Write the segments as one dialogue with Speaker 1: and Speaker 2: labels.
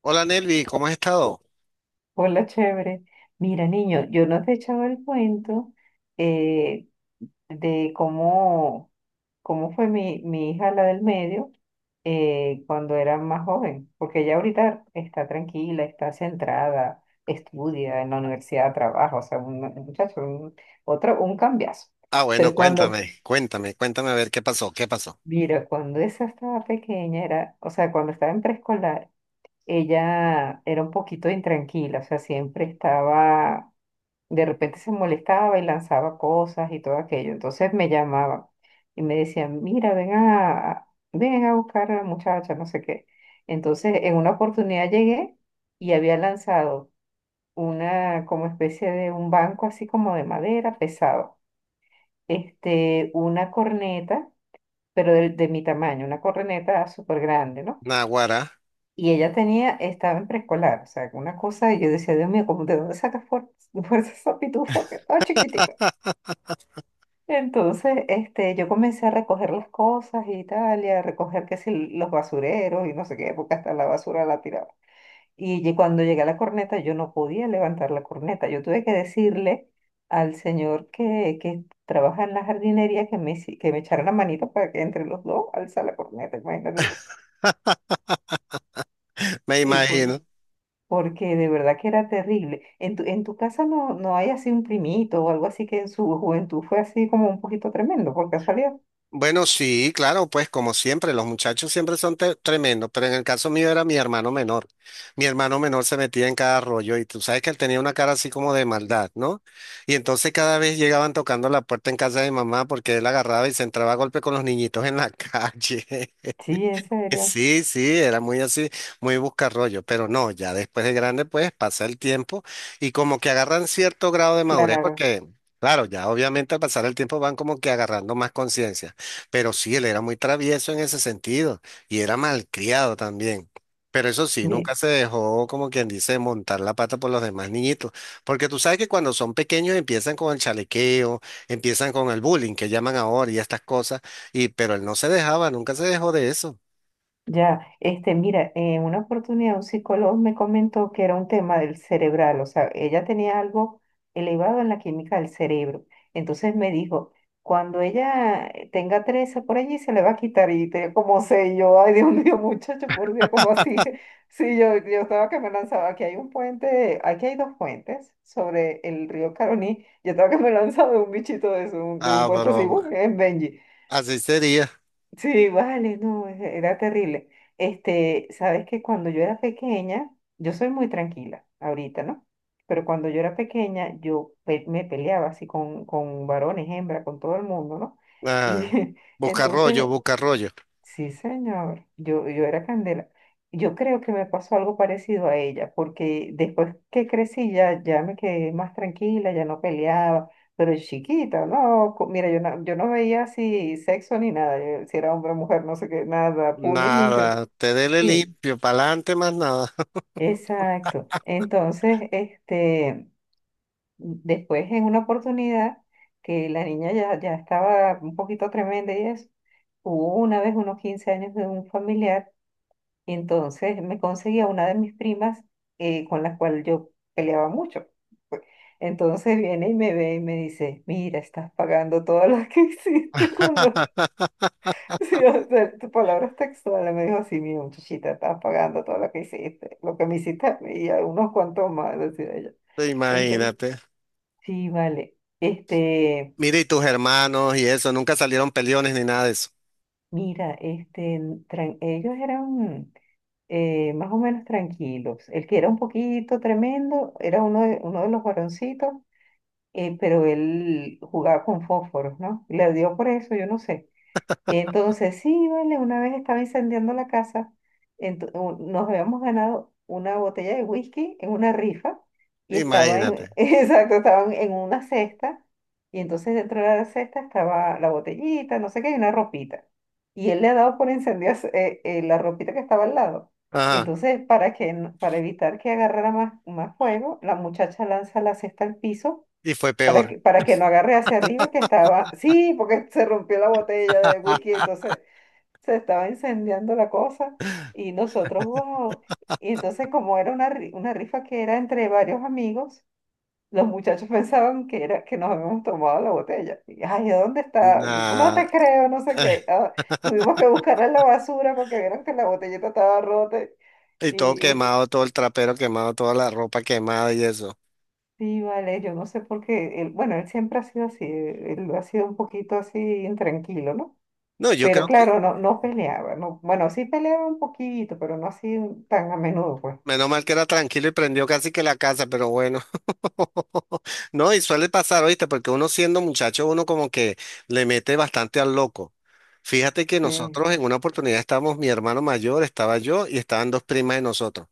Speaker 1: Hola Nelvi, ¿cómo has estado?
Speaker 2: Hola, chévere. Mira, niño, yo no te he echado el cuento eh, de cómo, cómo fue mi hija, la del medio, cuando era más joven, porque ella ahorita está tranquila, está centrada, estudia en la universidad, trabaja, o sea, un muchacho, un, otro, un cambiazo.
Speaker 1: Ah, bueno,
Speaker 2: Pero cuando,
Speaker 1: cuéntame, cuéntame, cuéntame a ver qué pasó, qué pasó.
Speaker 2: mira, cuando esa estaba pequeña, era, o sea, cuando estaba en preescolar, ella era un poquito intranquila, o sea, siempre estaba de repente se molestaba y lanzaba cosas y todo aquello. Entonces me llamaban y me decían, mira, ven a buscar a la muchacha, no sé qué. Entonces en una oportunidad llegué y había lanzado una como especie de un banco así como de madera pesado, este, una corneta, pero de mi tamaño, una corneta súper grande, ¿no?
Speaker 1: Naguará,
Speaker 2: Y ella tenía, estaba en preescolar, o sea, una cosa, y yo decía, Dios mío, ¿cómo de dónde sacas fuerza esa pitufa que está chiquitica? Entonces, este, yo comencé a recoger las cosas y tal, y a recoger que si los basureros y no sé qué, porque hasta la basura la tiraba. Y cuando llegué a la corneta, yo no podía levantar la corneta. Yo tuve que decirle al señor que trabaja en la jardinería que que me echara la manito para que entre los dos alza la corneta, imagínate tú.
Speaker 1: me
Speaker 2: Sí,
Speaker 1: imagino.
Speaker 2: porque de verdad que era terrible. En en tu casa no, no hay así un primito o algo así que en su juventud fue así como un poquito tremendo, por casualidad.
Speaker 1: Bueno, sí, claro, pues como siempre, los muchachos siempre son tremendos, pero en el caso mío era mi hermano menor. Mi hermano menor se metía en cada rollo y tú sabes que él tenía una cara así como de maldad, ¿no? Y entonces cada vez llegaban tocando la puerta en casa de mamá porque él agarraba y se entraba a golpe con los niñitos en la calle.
Speaker 2: Sí, en serio.
Speaker 1: Sí, sí, era muy así, muy buscarrollo, pero no, ya después de grande, pues pasa el tiempo y como que agarran cierto grado de madurez,
Speaker 2: Claro,
Speaker 1: porque, claro, ya obviamente al pasar el tiempo van como que agarrando más conciencia, pero sí, él era muy travieso en ese sentido y era malcriado también. Pero eso sí,
Speaker 2: mi-
Speaker 1: nunca se dejó, como quien dice, montar la pata por los demás niñitos, porque tú sabes que cuando son pequeños empiezan con el chalequeo, empiezan con el bullying que llaman ahora y estas cosas, y pero él no se dejaba, nunca se dejó de eso.
Speaker 2: ya, este, mira, en una oportunidad un psicólogo me comentó que era un tema del cerebral, o sea, ella tenía algo elevado en la química del cerebro. Entonces me dijo, cuando ella tenga 13 por allí se le va a quitar y te, como sé y yo, ay Dios mío, muchacho, por Dios, como así? Sí, yo estaba que me lanzaba, aquí hay un puente, aquí hay dos puentes sobre el río Caroní, yo estaba que me lanzaba de un bichito de, eso, de un
Speaker 1: Ah,
Speaker 2: puente así, ¡bum!
Speaker 1: broma.
Speaker 2: En Benji.
Speaker 1: Así sería.
Speaker 2: Sí, vale, no, era terrible. Este, sabes que cuando yo era pequeña, yo soy muy tranquila ahorita, ¿no? Pero cuando yo era pequeña, me peleaba así con varones, hembra, con todo el mundo, ¿no? Y
Speaker 1: Ah, busca rollo,
Speaker 2: entonces
Speaker 1: busca rollo.
Speaker 2: sí, señor. Yo era Candela. Yo creo que me pasó algo parecido a ella, porque después que crecí ya, ya me quedé más tranquila, ya no peleaba, pero chiquita, no, mira, yo no veía así sexo ni nada, yo- si era hombre o mujer, no sé qué, nada, puño y limpio.
Speaker 1: Nada, te dele
Speaker 2: Sí,
Speaker 1: limpio, pa'lante más nada.
Speaker 2: exacto. Entonces, este, después en una oportunidad que la niña ya, ya estaba un poquito tremenda y eso, hubo una vez unos 15 años de un familiar. Y entonces me conseguía una de mis primas con la cual yo peleaba mucho, pues. Entonces viene y me ve y me dice, mira, estás pagando todas las que hiciste con los... Sí, o sea, tu palabra textual. Me dijo, sí, mira, muchachita, estás pagando todo lo que hiciste, lo que me hiciste a mí y a unos cuantos más, decía ella. Entonces,
Speaker 1: Imagínate.
Speaker 2: sí, vale. Este,
Speaker 1: Mira, y tus hermanos y eso, nunca salieron peleones ni nada de eso.
Speaker 2: mira, este, ellos eran... más o menos tranquilos. El que era un poquito tremendo era uno de los varoncitos, pero él jugaba con fósforos, ¿no? Le dio por eso, yo no sé. Y entonces, sí, vale, una vez estaba incendiando la casa, nos habíamos ganado una botella de whisky en una rifa y estaba en,
Speaker 1: Imagínate.
Speaker 2: exacto, estaban en una cesta y entonces dentro de la cesta estaba la botellita, no sé qué, y una ropita. Y él le ha dado por incendiar la ropita que estaba al lado. Y
Speaker 1: Ajá,
Speaker 2: entonces, para que, para evitar que agarrara más, más fuego, la muchacha lanza la cesta al piso
Speaker 1: y fue peor.
Speaker 2: para que no agarre hacia arriba que estaba, sí, porque se rompió la botella de whisky, entonces se estaba incendiando la cosa y nosotros, wow. Y entonces como era una, una rifa que era entre varios amigos, los muchachos pensaban que era que nos habíamos tomado la botella. Y, ay, ¿a dónde está? No
Speaker 1: Nah.
Speaker 2: te creo, no sé qué. Ah, tuvimos que buscarla en la basura porque vieron que la botellita estaba rota.
Speaker 1: Y
Speaker 2: Y,
Speaker 1: todo
Speaker 2: y
Speaker 1: quemado, todo el trapero quemado, toda la ropa quemada y eso.
Speaker 2: sí, vale, yo no sé por qué, él, bueno, él siempre ha sido así, él ha sido un poquito así intranquilo, ¿no?
Speaker 1: No, yo
Speaker 2: Pero
Speaker 1: creo que,
Speaker 2: claro, no, no peleaba, no, bueno, sí peleaba un poquito, pero no así tan a menudo, pues.
Speaker 1: menos mal que era tranquilo y prendió casi que la casa, pero bueno. No, y suele pasar, ¿oíste? Porque uno siendo muchacho, uno como que le mete bastante al loco. Fíjate que
Speaker 2: Sí,
Speaker 1: nosotros en una oportunidad estábamos, mi hermano mayor, estaba yo y estaban dos primas de nosotros.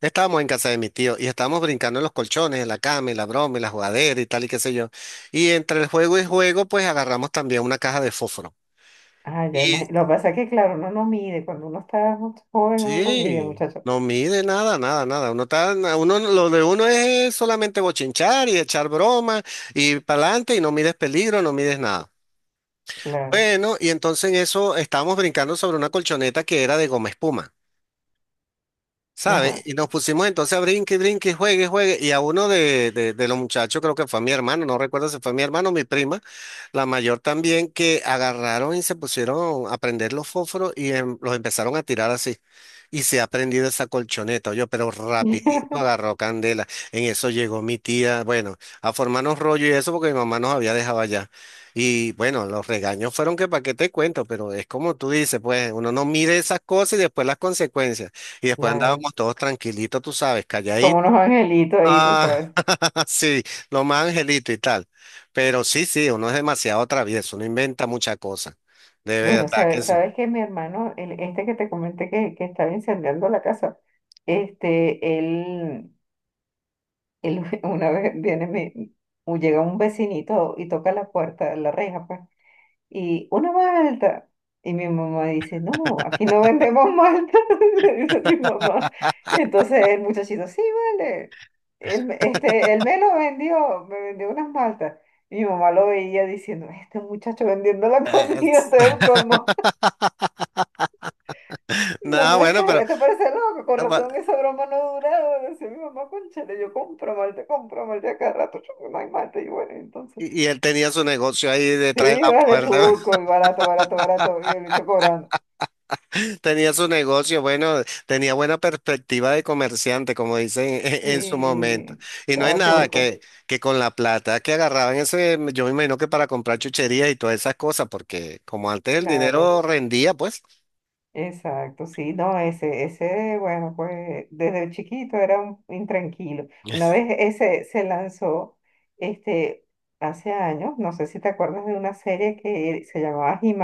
Speaker 1: Estábamos en casa de mi tío y estábamos brincando en los colchones, en la cama, y la broma, y la jugadera y tal y qué sé yo. Y entre el juego y juego, pues agarramos también una caja de fósforo.
Speaker 2: ah, ya imagino. Lo que pasa es que, claro, uno no mide, cuando uno está joven, uno no mide,
Speaker 1: Sí,
Speaker 2: muchacho.
Speaker 1: no mide nada, nada, nada. Uno está, uno, lo de uno es solamente bochinchar y echar broma y para adelante y no mides peligro, no mides nada.
Speaker 2: Claro,
Speaker 1: Bueno, y entonces en eso estábamos brincando sobre una colchoneta que era de goma espuma. ¿Sabe?
Speaker 2: ajá,
Speaker 1: Y nos pusimos entonces a brinque, brinque, juegue, juegue. Y a uno de los muchachos, creo que fue mi hermano, no recuerdo si fue mi hermano o mi prima, la mayor también, que agarraron y se pusieron a prender los fósforos y los empezaron a tirar así. Y se ha prendido esa colchoneta, yo, pero rapidito agarró candela. En eso llegó mi tía, bueno, a formarnos rollo y eso porque mi mamá nos había dejado allá. Y bueno, los regaños fueron que para qué te cuento, pero es como tú dices, pues uno no mide esas cosas y después las consecuencias. Y después
Speaker 2: claro.
Speaker 1: andábamos todos tranquilitos, tú sabes,
Speaker 2: Como
Speaker 1: calladitos.
Speaker 2: unos angelitos ahí, tú
Speaker 1: Ah,
Speaker 2: sabes.
Speaker 1: sí, lo más angelito y tal. Pero sí, sí, uno es demasiado travieso, uno inventa muchas cosas. De
Speaker 2: Bueno,
Speaker 1: verdad que
Speaker 2: sabes,
Speaker 1: sí.
Speaker 2: sabes que mi hermano, el, este que te comenté que estaba incendiando la casa, este, él... él una vez viene llega un vecinito y toca la puerta, la reja, pues, y una malta. Y mi mamá dice, no, aquí no vendemos malta, le dice mi mamá. Entonces el muchachito, sí, vale. Él, este, él me lo vendió, me vendió unas maltas. Mi mamá lo veía diciendo, este muchacho vendiendo la comida, todo el colmo. Mi
Speaker 1: Nada,
Speaker 2: mamá está,
Speaker 1: bueno, pero
Speaker 2: esto parece loco, con
Speaker 1: ah,
Speaker 2: razón esa broma no ha durado. Decía mi mamá, cónchale, yo compro malte a cada rato, yo me malte. Y bueno, entonces,
Speaker 1: y él tenía su negocio ahí detrás de
Speaker 2: sí,
Speaker 1: la
Speaker 2: vale
Speaker 1: puerta.
Speaker 2: turco, y barato, barato, barato, y el bicho cobrando.
Speaker 1: Tenía su negocio, bueno, tenía buena perspectiva de comerciante, como dicen en su momento.
Speaker 2: Y
Speaker 1: Y no es
Speaker 2: estaba
Speaker 1: nada
Speaker 2: turco,
Speaker 1: que, que con la plata que agarraban ese, yo me imagino que para comprar chucherías y todas esas cosas, porque como antes el
Speaker 2: claro,
Speaker 1: dinero rendía, pues.
Speaker 2: exacto, sí, no, ese, bueno, pues desde chiquito era un intranquilo. Una vez ese se lanzó, este, hace años, no sé si te acuerdas de una serie que se llamaba He,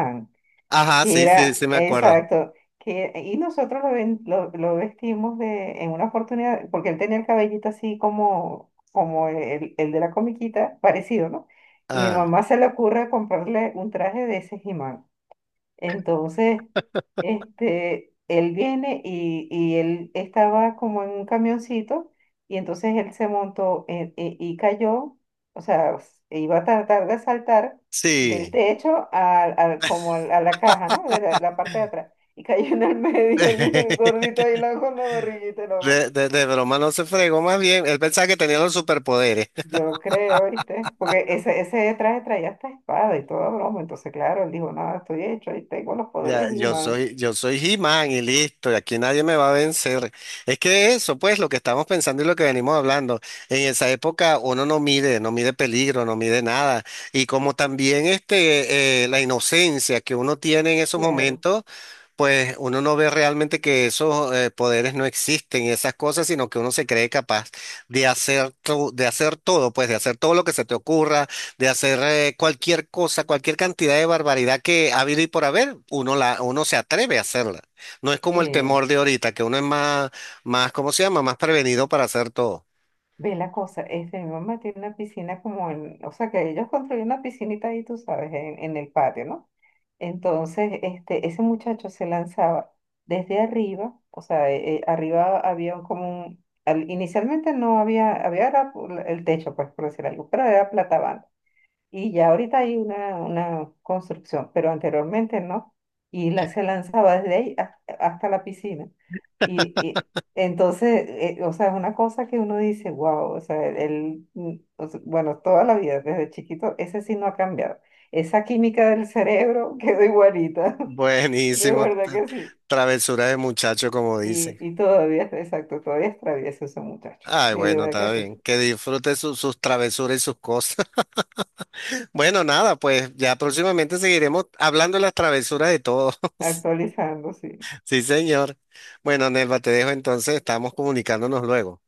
Speaker 1: Ajá,
Speaker 2: que
Speaker 1: sí, sí,
Speaker 2: era,
Speaker 1: sí me acuerdo.
Speaker 2: exacto, que, y nosotros lo vestimos de, en una oportunidad, porque él tenía el cabellito así como, como el de la comiquita, parecido, ¿no? Y mi
Speaker 1: Ah,
Speaker 2: mamá se le ocurre comprarle un traje de ese He, entonces, este, él viene y él estaba como en un camioncito y entonces él se montó y cayó, o sea, iba a tratar de saltar del
Speaker 1: sí.
Speaker 2: techo a la caja, ¿no? De la parte de atrás. Y cayó en el medio el gordito ahí con la barriguita enorme.
Speaker 1: De broma no se fregó más bien. Él pensaba que tenía los superpoderes.
Speaker 2: Yo creo, ¿viste? Porque ese traje traía hasta espada y toda broma. Entonces, claro, él dijo, nada, estoy hecho, ahí tengo los
Speaker 1: Ya,
Speaker 2: poderes y man.
Speaker 1: yo soy He-Man y listo, y aquí nadie me va a vencer. Es que eso, pues, lo que estamos pensando y lo que venimos hablando. En esa época uno no mide, no mide peligro, no mide nada. Y como también este, la inocencia que uno tiene en esos
Speaker 2: Claro,
Speaker 1: momentos. Pues uno no ve realmente que esos poderes no existen y esas cosas, sino que uno se cree capaz de hacer, de hacer todo, pues de hacer todo lo que se te ocurra, de hacer cualquier cosa, cualquier cantidad de barbaridad que ha habido y por haber, uno, la, uno se atreve a hacerla. No es como el
Speaker 2: sí.
Speaker 1: temor de ahorita, que uno es más, más, ¿cómo se llama? Más prevenido para hacer todo.
Speaker 2: Ve la cosa, este, mi mamá tiene una piscina como en, o sea, que ellos construyen una piscinita ahí, tú sabes, en el patio, ¿no? Entonces, este, ese muchacho se lanzaba desde arriba, o sea, arriba había inicialmente no había, había era el techo, pues, por decir algo, pero era plata y ya ahorita hay una construcción, pero anteriormente no. Y la, se lanzaba desde ahí hasta la piscina. Y, y entonces, o sea, es una cosa que uno dice, wow, o sea, él, mm, o sea, bueno, toda la vida, desde chiquito, ese sí no ha cambiado. Esa química del cerebro quedó igualita, de
Speaker 1: Buenísimo,
Speaker 2: verdad que sí.
Speaker 1: travesura de muchacho, como dice.
Speaker 2: Y todavía, exacto, todavía es travieso ese muchacho,
Speaker 1: Ay,
Speaker 2: de
Speaker 1: bueno,
Speaker 2: verdad que
Speaker 1: está
Speaker 2: sí,
Speaker 1: bien. Que disfrute sus travesuras y sus cosas. Bueno, nada, pues ya próximamente seguiremos hablando de las travesuras de todos.
Speaker 2: actualizando, sí.
Speaker 1: Sí, señor. Bueno, Nelva, te dejo entonces, estamos comunicándonos luego.